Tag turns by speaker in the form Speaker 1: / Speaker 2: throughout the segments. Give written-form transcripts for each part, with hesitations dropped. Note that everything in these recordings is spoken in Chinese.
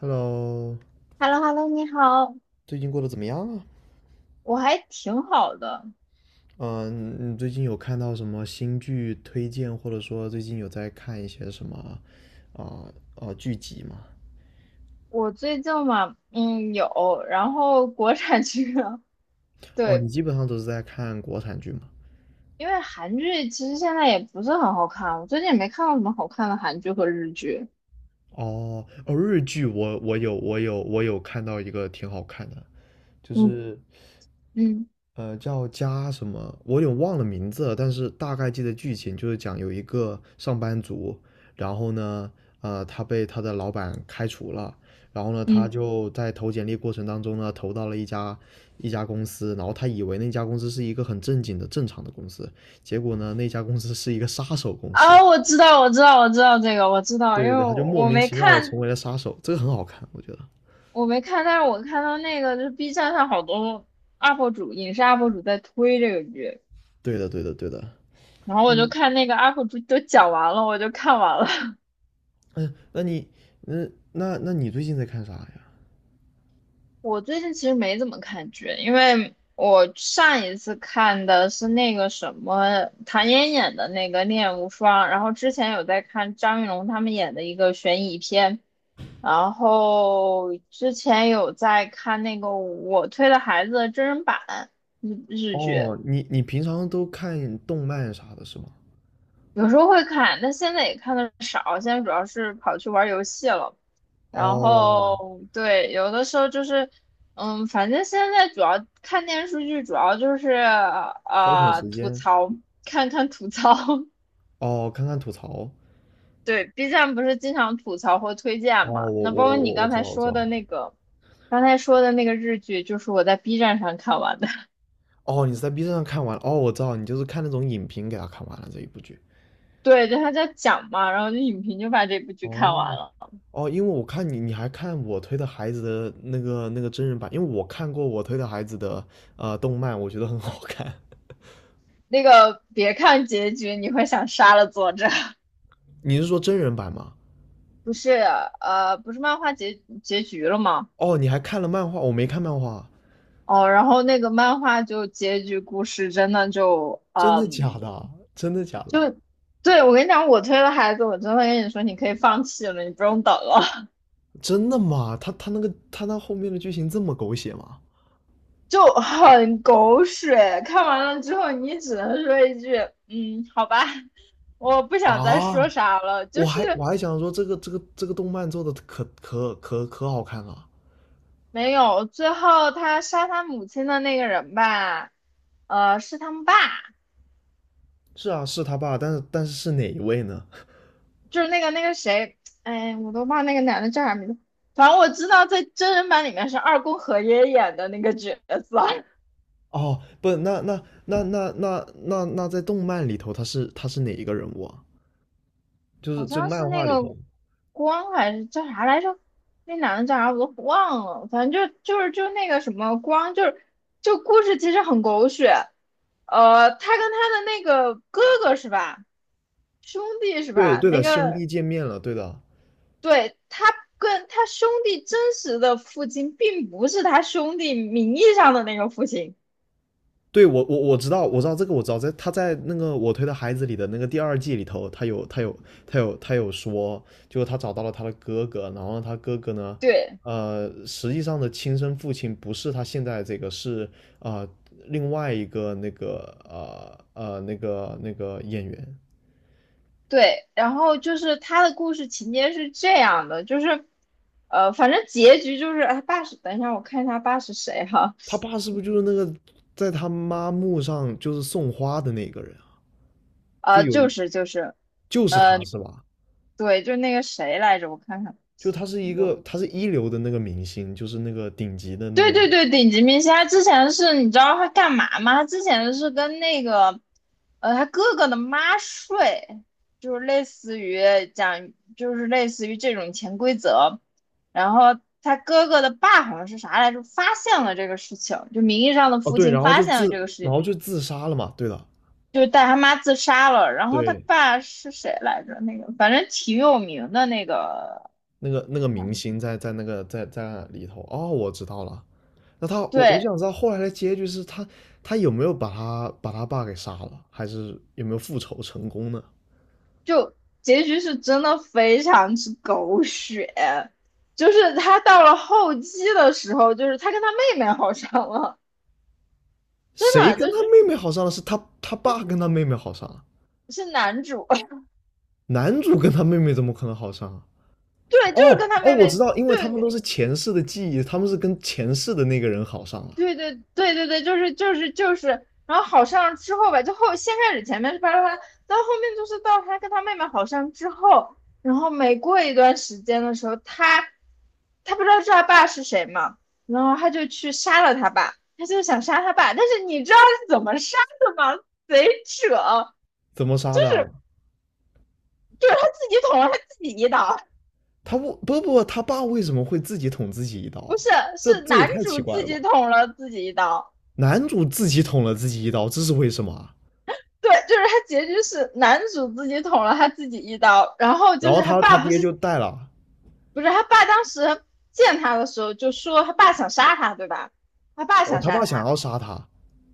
Speaker 1: Hello,
Speaker 2: h e l l o h e l l o 你好，
Speaker 1: 最近过得怎么样啊？
Speaker 2: 我还挺好的。
Speaker 1: 嗯，你最近有看到什么新剧推荐，或者说最近有在看一些什么啊、剧集吗？
Speaker 2: 我最近嘛，嗯，有，然后国产剧啊
Speaker 1: 哦，你
Speaker 2: 对。
Speaker 1: 基本上都是在看国产剧吗？
Speaker 2: 因为韩剧其实现在也不是很好看，我最近也没看到什么好看的韩剧和日剧。
Speaker 1: 哦哦，日剧我有看到一个挺好看的，就
Speaker 2: 嗯
Speaker 1: 是
Speaker 2: 嗯
Speaker 1: 叫加什么？我有点忘了名字了，但是大概记得剧情，就是讲有一个上班族，然后呢，他被他的老板开除了，然后呢，他
Speaker 2: 嗯，
Speaker 1: 就在投简历过程当中呢，投到了一家公司，然后他以为那家公司是一个很正经的正常的公司，结果呢，那家公司是一个杀手公司，
Speaker 2: 我知道，我知道，我知道这个，我知道，
Speaker 1: 对
Speaker 2: 因
Speaker 1: 对
Speaker 2: 为
Speaker 1: 对，他就
Speaker 2: 我
Speaker 1: 莫
Speaker 2: 我
Speaker 1: 名
Speaker 2: 没
Speaker 1: 其妙的
Speaker 2: 看。
Speaker 1: 成为了杀手，这个很好看，我觉得。
Speaker 2: 我没看，但是我看到那个就是 B 站上好多 UP 主，影视 UP 主在推这个剧，
Speaker 1: 对的，对的，对的。
Speaker 2: 然后我就
Speaker 1: 嗯
Speaker 2: 看那个 UP 主都讲完了，我就看完了。
Speaker 1: 嗯，那那你最近在看啥呀？
Speaker 2: 我最近其实没怎么看剧，因为我上一次看的是那个什么唐嫣演的那个《恋无双》，然后之前有在看张云龙他们演的一个悬疑片，然后之前有在看那个《我推的孩子》的真人版日剧，
Speaker 1: 哦，你平常都看动漫啥的是吗？
Speaker 2: 有时候会看，但现在也看的少，现在主要是跑去玩游戏了。然
Speaker 1: 哦，
Speaker 2: 后对，有的时候就是，嗯，反正现在主要看电视剧，主要就是
Speaker 1: 消遣时
Speaker 2: 吐
Speaker 1: 间，
Speaker 2: 槽，看看吐槽。
Speaker 1: 哦，看看吐槽，
Speaker 2: 对，B 站不是经常吐槽或推
Speaker 1: 哦，
Speaker 2: 荐嘛？
Speaker 1: 我
Speaker 2: 那
Speaker 1: 我
Speaker 2: 包括
Speaker 1: 我
Speaker 2: 你
Speaker 1: 我
Speaker 2: 刚
Speaker 1: 知道
Speaker 2: 才
Speaker 1: 我知
Speaker 2: 说
Speaker 1: 道，
Speaker 2: 的那个，刚才说的那个日剧，就是我在 B 站上看完的。
Speaker 1: 哦，你是在 B 站上看完了，哦，我知道，你就是看那种影评给他看完了这一部剧，
Speaker 2: 对，就他在讲嘛，然后就影评就把这部剧看
Speaker 1: 哦
Speaker 2: 完了。
Speaker 1: 哦，因为我看你还看我推的孩子的那个真人版，因为我看过我推的孩子的动漫，我觉得很好看。
Speaker 2: 那个别看结局，你会想杀了作者。
Speaker 1: 你是说真人版吗？
Speaker 2: 不是不是漫画结局了吗？
Speaker 1: 哦，你还看了漫画，我没看漫画，
Speaker 2: 哦，然后那个漫画就结局故事真的就
Speaker 1: 真的假的？真的假的？
Speaker 2: 就对。我跟你讲，我推的孩子，我真的跟你说，你可以放弃了，你不用等了。
Speaker 1: 真的吗？他那后面的剧情这么狗血吗？
Speaker 2: 就很狗血。看完了之后，你只能说一句，嗯，好吧，我不想再说
Speaker 1: 啊，
Speaker 2: 啥了。就
Speaker 1: 我还我
Speaker 2: 是
Speaker 1: 还想说这个动漫做的可好看了。
Speaker 2: 没有，最后他杀他母亲的那个人吧，是他们爸。
Speaker 1: 是啊，是他爸，但是是哪一位呢？
Speaker 2: 就是那个谁，哎，我都忘那个男的叫啥名字，反正我知道在真人版里面是二宫和也演的那个角色。
Speaker 1: 哦，不，那在动漫里头他是哪一个人物啊？就是
Speaker 2: 好
Speaker 1: 就
Speaker 2: 像是
Speaker 1: 漫
Speaker 2: 那
Speaker 1: 画里
Speaker 2: 个
Speaker 1: 头，
Speaker 2: 光还是叫啥来着？那男的叫啥我都忘了，反正就那个什么光。就是就故事其实很狗血，他跟他的那个哥哥是吧，兄弟是
Speaker 1: 对
Speaker 2: 吧？
Speaker 1: 对
Speaker 2: 那
Speaker 1: 的，兄
Speaker 2: 个
Speaker 1: 弟见面了，对的，
Speaker 2: 对，他跟他兄弟真实的父亲并不是他兄弟名义上的那个父亲。
Speaker 1: 我知道我知道这个我知道在他在那个我推的孩子里的那个第二季里头，他有说，就他找到了他的哥哥，然后他哥哥呢，
Speaker 2: 对，
Speaker 1: 实际上的亲生父亲不是他现在这个是啊、呃另外一个那个那个演员，
Speaker 2: 对。然后就是他的故事情节是这样的，就是，反正结局就是，哎，爸是，等一下我看一下爸是谁哈。
Speaker 1: 他爸是不是就是那个在他妈墓上就是送花的那个人啊？就
Speaker 2: 呃，
Speaker 1: 有
Speaker 2: 就
Speaker 1: 一
Speaker 2: 是就是，
Speaker 1: 就是
Speaker 2: 呃，
Speaker 1: 他是吧？
Speaker 2: 对，就那个谁来着，我看看。
Speaker 1: 就他是一个
Speaker 2: 我
Speaker 1: 他是一流的那个明星，就是那个顶级的那
Speaker 2: 对
Speaker 1: 个
Speaker 2: 对对，顶级明星，他之前是你知道他干嘛吗？他之前是跟那个，他哥哥的妈睡，就是类似于讲，就是类似于这种潜规则。然后他哥哥的爸好像是啥来着，发现了这个事情，就名义上的
Speaker 1: 哦，
Speaker 2: 父
Speaker 1: 对，
Speaker 2: 亲
Speaker 1: 然后
Speaker 2: 发
Speaker 1: 就
Speaker 2: 现了这个
Speaker 1: 自，
Speaker 2: 事
Speaker 1: 然
Speaker 2: 情，
Speaker 1: 后就自杀了嘛。对的。
Speaker 2: 就带他妈自杀了。然后他
Speaker 1: 对，
Speaker 2: 爸是谁来着？那个反正挺有名的那个，
Speaker 1: 那个明星在在那个在在里头。哦，我知道了。那他，我就
Speaker 2: 对。
Speaker 1: 想知道后来的结局是他，他有没有把他把他爸给杀了，还是有没有复仇成功呢？
Speaker 2: 就结局是真的非常之狗血，就是他到了后期的时候，就是他跟他妹妹好上了，真
Speaker 1: 谁
Speaker 2: 的
Speaker 1: 跟他
Speaker 2: 就
Speaker 1: 妹妹好上了？是他爸跟他妹妹好上了，
Speaker 2: 是男主。
Speaker 1: 男主跟他妹妹怎么可能好上啊？
Speaker 2: 对，就
Speaker 1: 哦
Speaker 2: 是跟他
Speaker 1: 哦，
Speaker 2: 妹
Speaker 1: 我知
Speaker 2: 妹，
Speaker 1: 道，因为他们都
Speaker 2: 对，
Speaker 1: 是前世的记忆，他们是跟前世的那个人好上了。
Speaker 2: 对对对对对，就是就是就是，然后好上之后吧，就后先开始前面是巴拉巴拉，到后面就是到他跟他妹妹好上之后，然后每过一段时间的时候，他不知道是他爸是谁嘛，然后他就去杀了他爸，他就想杀他爸，但是你知道是怎么杀的吗？贼扯。
Speaker 1: 怎么杀的啊？
Speaker 2: 就是他自己捅了他自己一刀。
Speaker 1: 他不不不，他爸为什么会自己捅自己一刀
Speaker 2: 不
Speaker 1: 啊？
Speaker 2: 是，
Speaker 1: 这
Speaker 2: 是
Speaker 1: 这也
Speaker 2: 男
Speaker 1: 太奇
Speaker 2: 主
Speaker 1: 怪
Speaker 2: 自
Speaker 1: 了吧！
Speaker 2: 己捅了自己一刀。
Speaker 1: 男主自己捅了自己一刀，这是为什么啊？
Speaker 2: 对，就是他结局是男主自己捅了他自己一刀，然后
Speaker 1: 然
Speaker 2: 就是
Speaker 1: 后
Speaker 2: 他
Speaker 1: 他他
Speaker 2: 爸不
Speaker 1: 爹就
Speaker 2: 是
Speaker 1: 带了，
Speaker 2: 不是他爸当时见他的时候就说他爸想杀他，对吧？他爸
Speaker 1: 哦，
Speaker 2: 想
Speaker 1: 他
Speaker 2: 杀
Speaker 1: 爸想
Speaker 2: 他。
Speaker 1: 要杀他，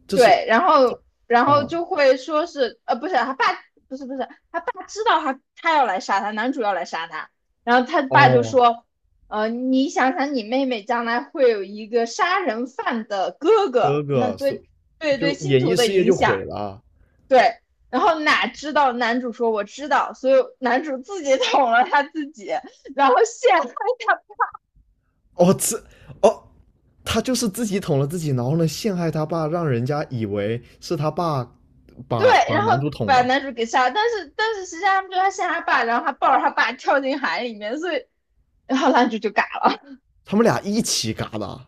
Speaker 1: 这是
Speaker 2: 对，然
Speaker 1: 他
Speaker 2: 后然
Speaker 1: 啊
Speaker 2: 后
Speaker 1: 哦
Speaker 2: 就会说是呃不是他爸不是不是他爸知道他要来杀他，男主要来杀他，然后他爸就
Speaker 1: 哦，
Speaker 2: 说你想想你妹妹将来会有一个杀人犯的哥
Speaker 1: 哥
Speaker 2: 哥，那
Speaker 1: 哥所
Speaker 2: 对对对
Speaker 1: 就
Speaker 2: 星
Speaker 1: 演
Speaker 2: 图
Speaker 1: 艺
Speaker 2: 的
Speaker 1: 事业
Speaker 2: 影
Speaker 1: 就毁
Speaker 2: 响。
Speaker 1: 了啊。
Speaker 2: 对，然后哪知道男主说我知道，所以男主自己 捅了他自己，然后陷害他。
Speaker 1: 哦，这哦，他就是自己捅了自己，然后呢陷害他爸，让人家以为是他爸
Speaker 2: 对，
Speaker 1: 把把
Speaker 2: 然
Speaker 1: 男
Speaker 2: 后
Speaker 1: 主捅
Speaker 2: 把
Speaker 1: 了，
Speaker 2: 男主给杀了。但是实际上他们就他陷害他爸，然后他抱着他爸跳进海里面，所以然后男主就嘎了。
Speaker 1: 他们俩一起嘎的。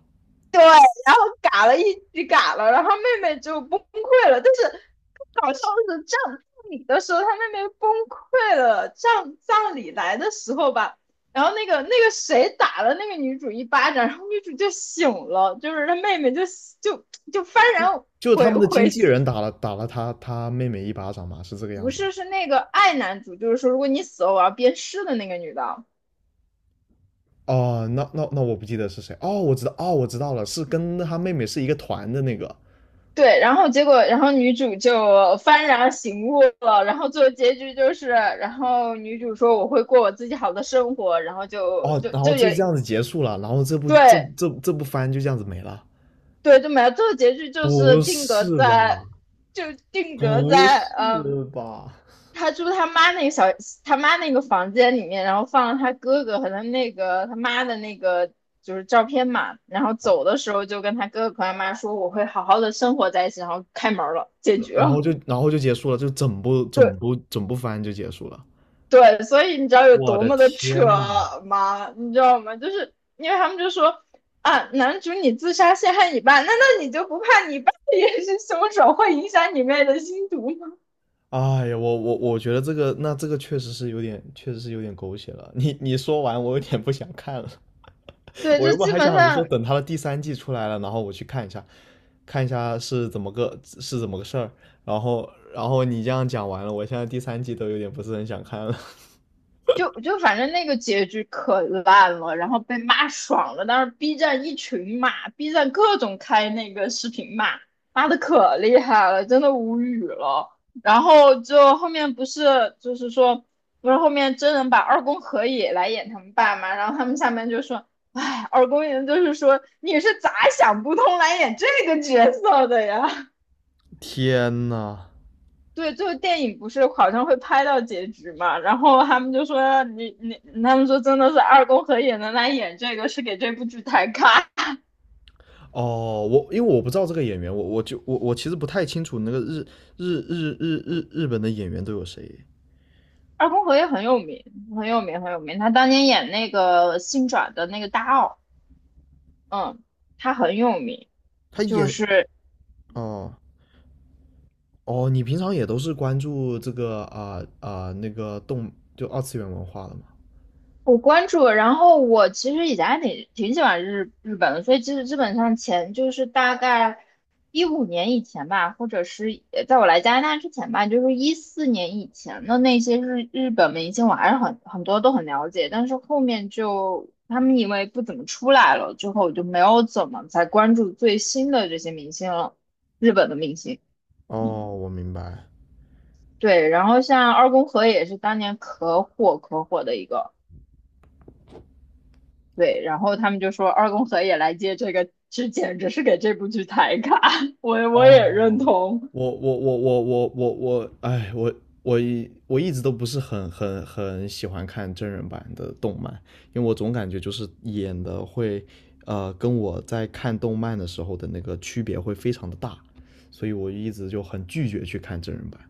Speaker 2: 对，然后嘎了一句嘎了，然后妹妹就崩溃了。但是更搞笑的是，葬礼的时候，她妹妹崩溃了。葬礼来的时候吧，然后那个谁打了那个女主一巴掌，然后女主就醒了，就是她妹妹就就幡然
Speaker 1: 就是他
Speaker 2: 悔
Speaker 1: 们的经
Speaker 2: 悔
Speaker 1: 纪
Speaker 2: 醒
Speaker 1: 人打了他妹妹一巴掌嘛，是这个样
Speaker 2: 不
Speaker 1: 子吗？
Speaker 2: 是，是那个爱男主，就是说如果你死了，我要鞭尸的那个女的。
Speaker 1: 哦，那我不记得是谁。哦，我知道，哦，我知道了，是跟他妹妹是一个团的那个。
Speaker 2: 对，然后结果，然后女主就幡然醒悟了，然后最后结局就是，然后女主说我会过我自己好的生活，然后就
Speaker 1: 哦，
Speaker 2: 就
Speaker 1: 然后
Speaker 2: 就
Speaker 1: 就这
Speaker 2: 也
Speaker 1: 样子结束了，然后这部这
Speaker 2: 对。
Speaker 1: 这这部番就这样子没了。
Speaker 2: 对就没了，最后结局就是
Speaker 1: 不
Speaker 2: 定格
Speaker 1: 是吧？
Speaker 2: 在就定格
Speaker 1: 不
Speaker 2: 在嗯，
Speaker 1: 是吧？
Speaker 2: 他住他妈那个小他妈那个房间里面，然后放了他哥哥和他那个他妈的那个就是照片嘛，然后走的时候就跟他哥哥和他妈说我会好好的生活在一起，然后开门了，结局
Speaker 1: 然
Speaker 2: 了。
Speaker 1: 后就然后就结束了，就整部
Speaker 2: 对。
Speaker 1: 整部整部番就结束了。
Speaker 2: 对，所以你知道有
Speaker 1: 我
Speaker 2: 多
Speaker 1: 的
Speaker 2: 么的扯
Speaker 1: 天呐！
Speaker 2: 吗？你知道吗？就是因为他们就说啊，男主你自杀陷害你爸，难道你就不怕你爸也是凶手，会影响你妹的心毒吗？
Speaker 1: 哎呀，我觉得这个那这个确实是有点，确实是有点狗血了。你你说完，我有点不想看了。
Speaker 2: 对，
Speaker 1: 我
Speaker 2: 就
Speaker 1: 原本
Speaker 2: 基
Speaker 1: 还
Speaker 2: 本
Speaker 1: 想着说，
Speaker 2: 上
Speaker 1: 等他的第三季出来了，然后我去看一下，看一下是怎么个事儿。然后，然后你这样讲完了，我现在第三季都有点不是很想看了。
Speaker 2: 就反正那个结局可烂了，然后被骂爽了，但是 B 站一群骂，B 站各种开那个视频骂，骂的可厉害了，真的无语了。然后就后面不是就是说，不是后面真人把二宫和也来演他们爸嘛？然后他们下面就说，哎，二宫也就是说你是咋想不通来演这个角色的呀？
Speaker 1: 天呐！
Speaker 2: 对，最后电影不是好像会拍到结局嘛，然后他们就说你，他们说真的是二宫和也能来演这个，是给这部剧抬咖。
Speaker 1: 哦，我因为我不知道这个演员，我我就我我其实不太清楚那个日本的演员都有谁。
Speaker 2: 二宫和也很有名，很有名，很有名。他当年演那个新转的那个大奥，嗯，他很有名，
Speaker 1: 他
Speaker 2: 就
Speaker 1: 演
Speaker 2: 是
Speaker 1: 哦哦，你平常也都是关注这个那个就二次元文化的嘛？
Speaker 2: 我关注了，然后我其实以前还挺喜欢日本的，所以其实基本上前就是大概15年以前吧，或者是在我来加拿大之前吧，就是14年以前的那些日本明星，我还是很多都很了解，但是后面就他们因为不怎么出来了，之后我就没有怎么再关注最新的这些明星了，日本的明星。嗯
Speaker 1: 哦，我明白。
Speaker 2: 对，然后像二宫和也是当年可火可火的一个。对，然后他们就说二宫和也来接这个，这简直是给这部剧抬杠，我也认
Speaker 1: 哦，
Speaker 2: 同。
Speaker 1: 我，哎，我我一直都不是很喜欢看真人版的动漫，因为我总感觉就是演的会，跟我在看动漫的时候的那个区别会非常的大，所以我一直就很拒绝去看真人版。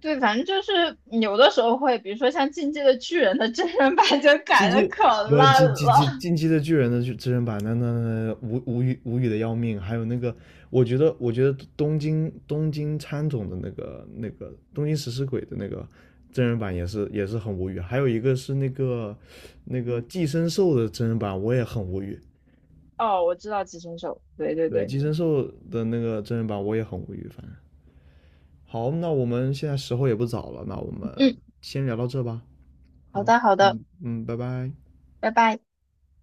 Speaker 2: 对，反正就是有的时候会，比如说像《进击的巨人》的真人版就
Speaker 1: 进
Speaker 2: 改的
Speaker 1: 击
Speaker 2: 可
Speaker 1: 不
Speaker 2: 烂
Speaker 1: 进进
Speaker 2: 了。
Speaker 1: 进进击的巨人的真人版，那无语的要命。还有那个，我觉得东京喰种的那个东京食尸鬼的那个真人版也是很无语。还有一个是那个
Speaker 2: 嗯。
Speaker 1: 寄生兽的真人版，我也很无语。
Speaker 2: 哦，我知道《寄生兽》，对对
Speaker 1: 对，
Speaker 2: 对。
Speaker 1: 寄生兽的那个真人版我也很无语。反正好，那我们现在时候也不早了，那我们
Speaker 2: 嗯，
Speaker 1: 先聊到这吧。
Speaker 2: 好
Speaker 1: 好，
Speaker 2: 的好的，
Speaker 1: 嗯嗯，拜拜。
Speaker 2: 拜拜。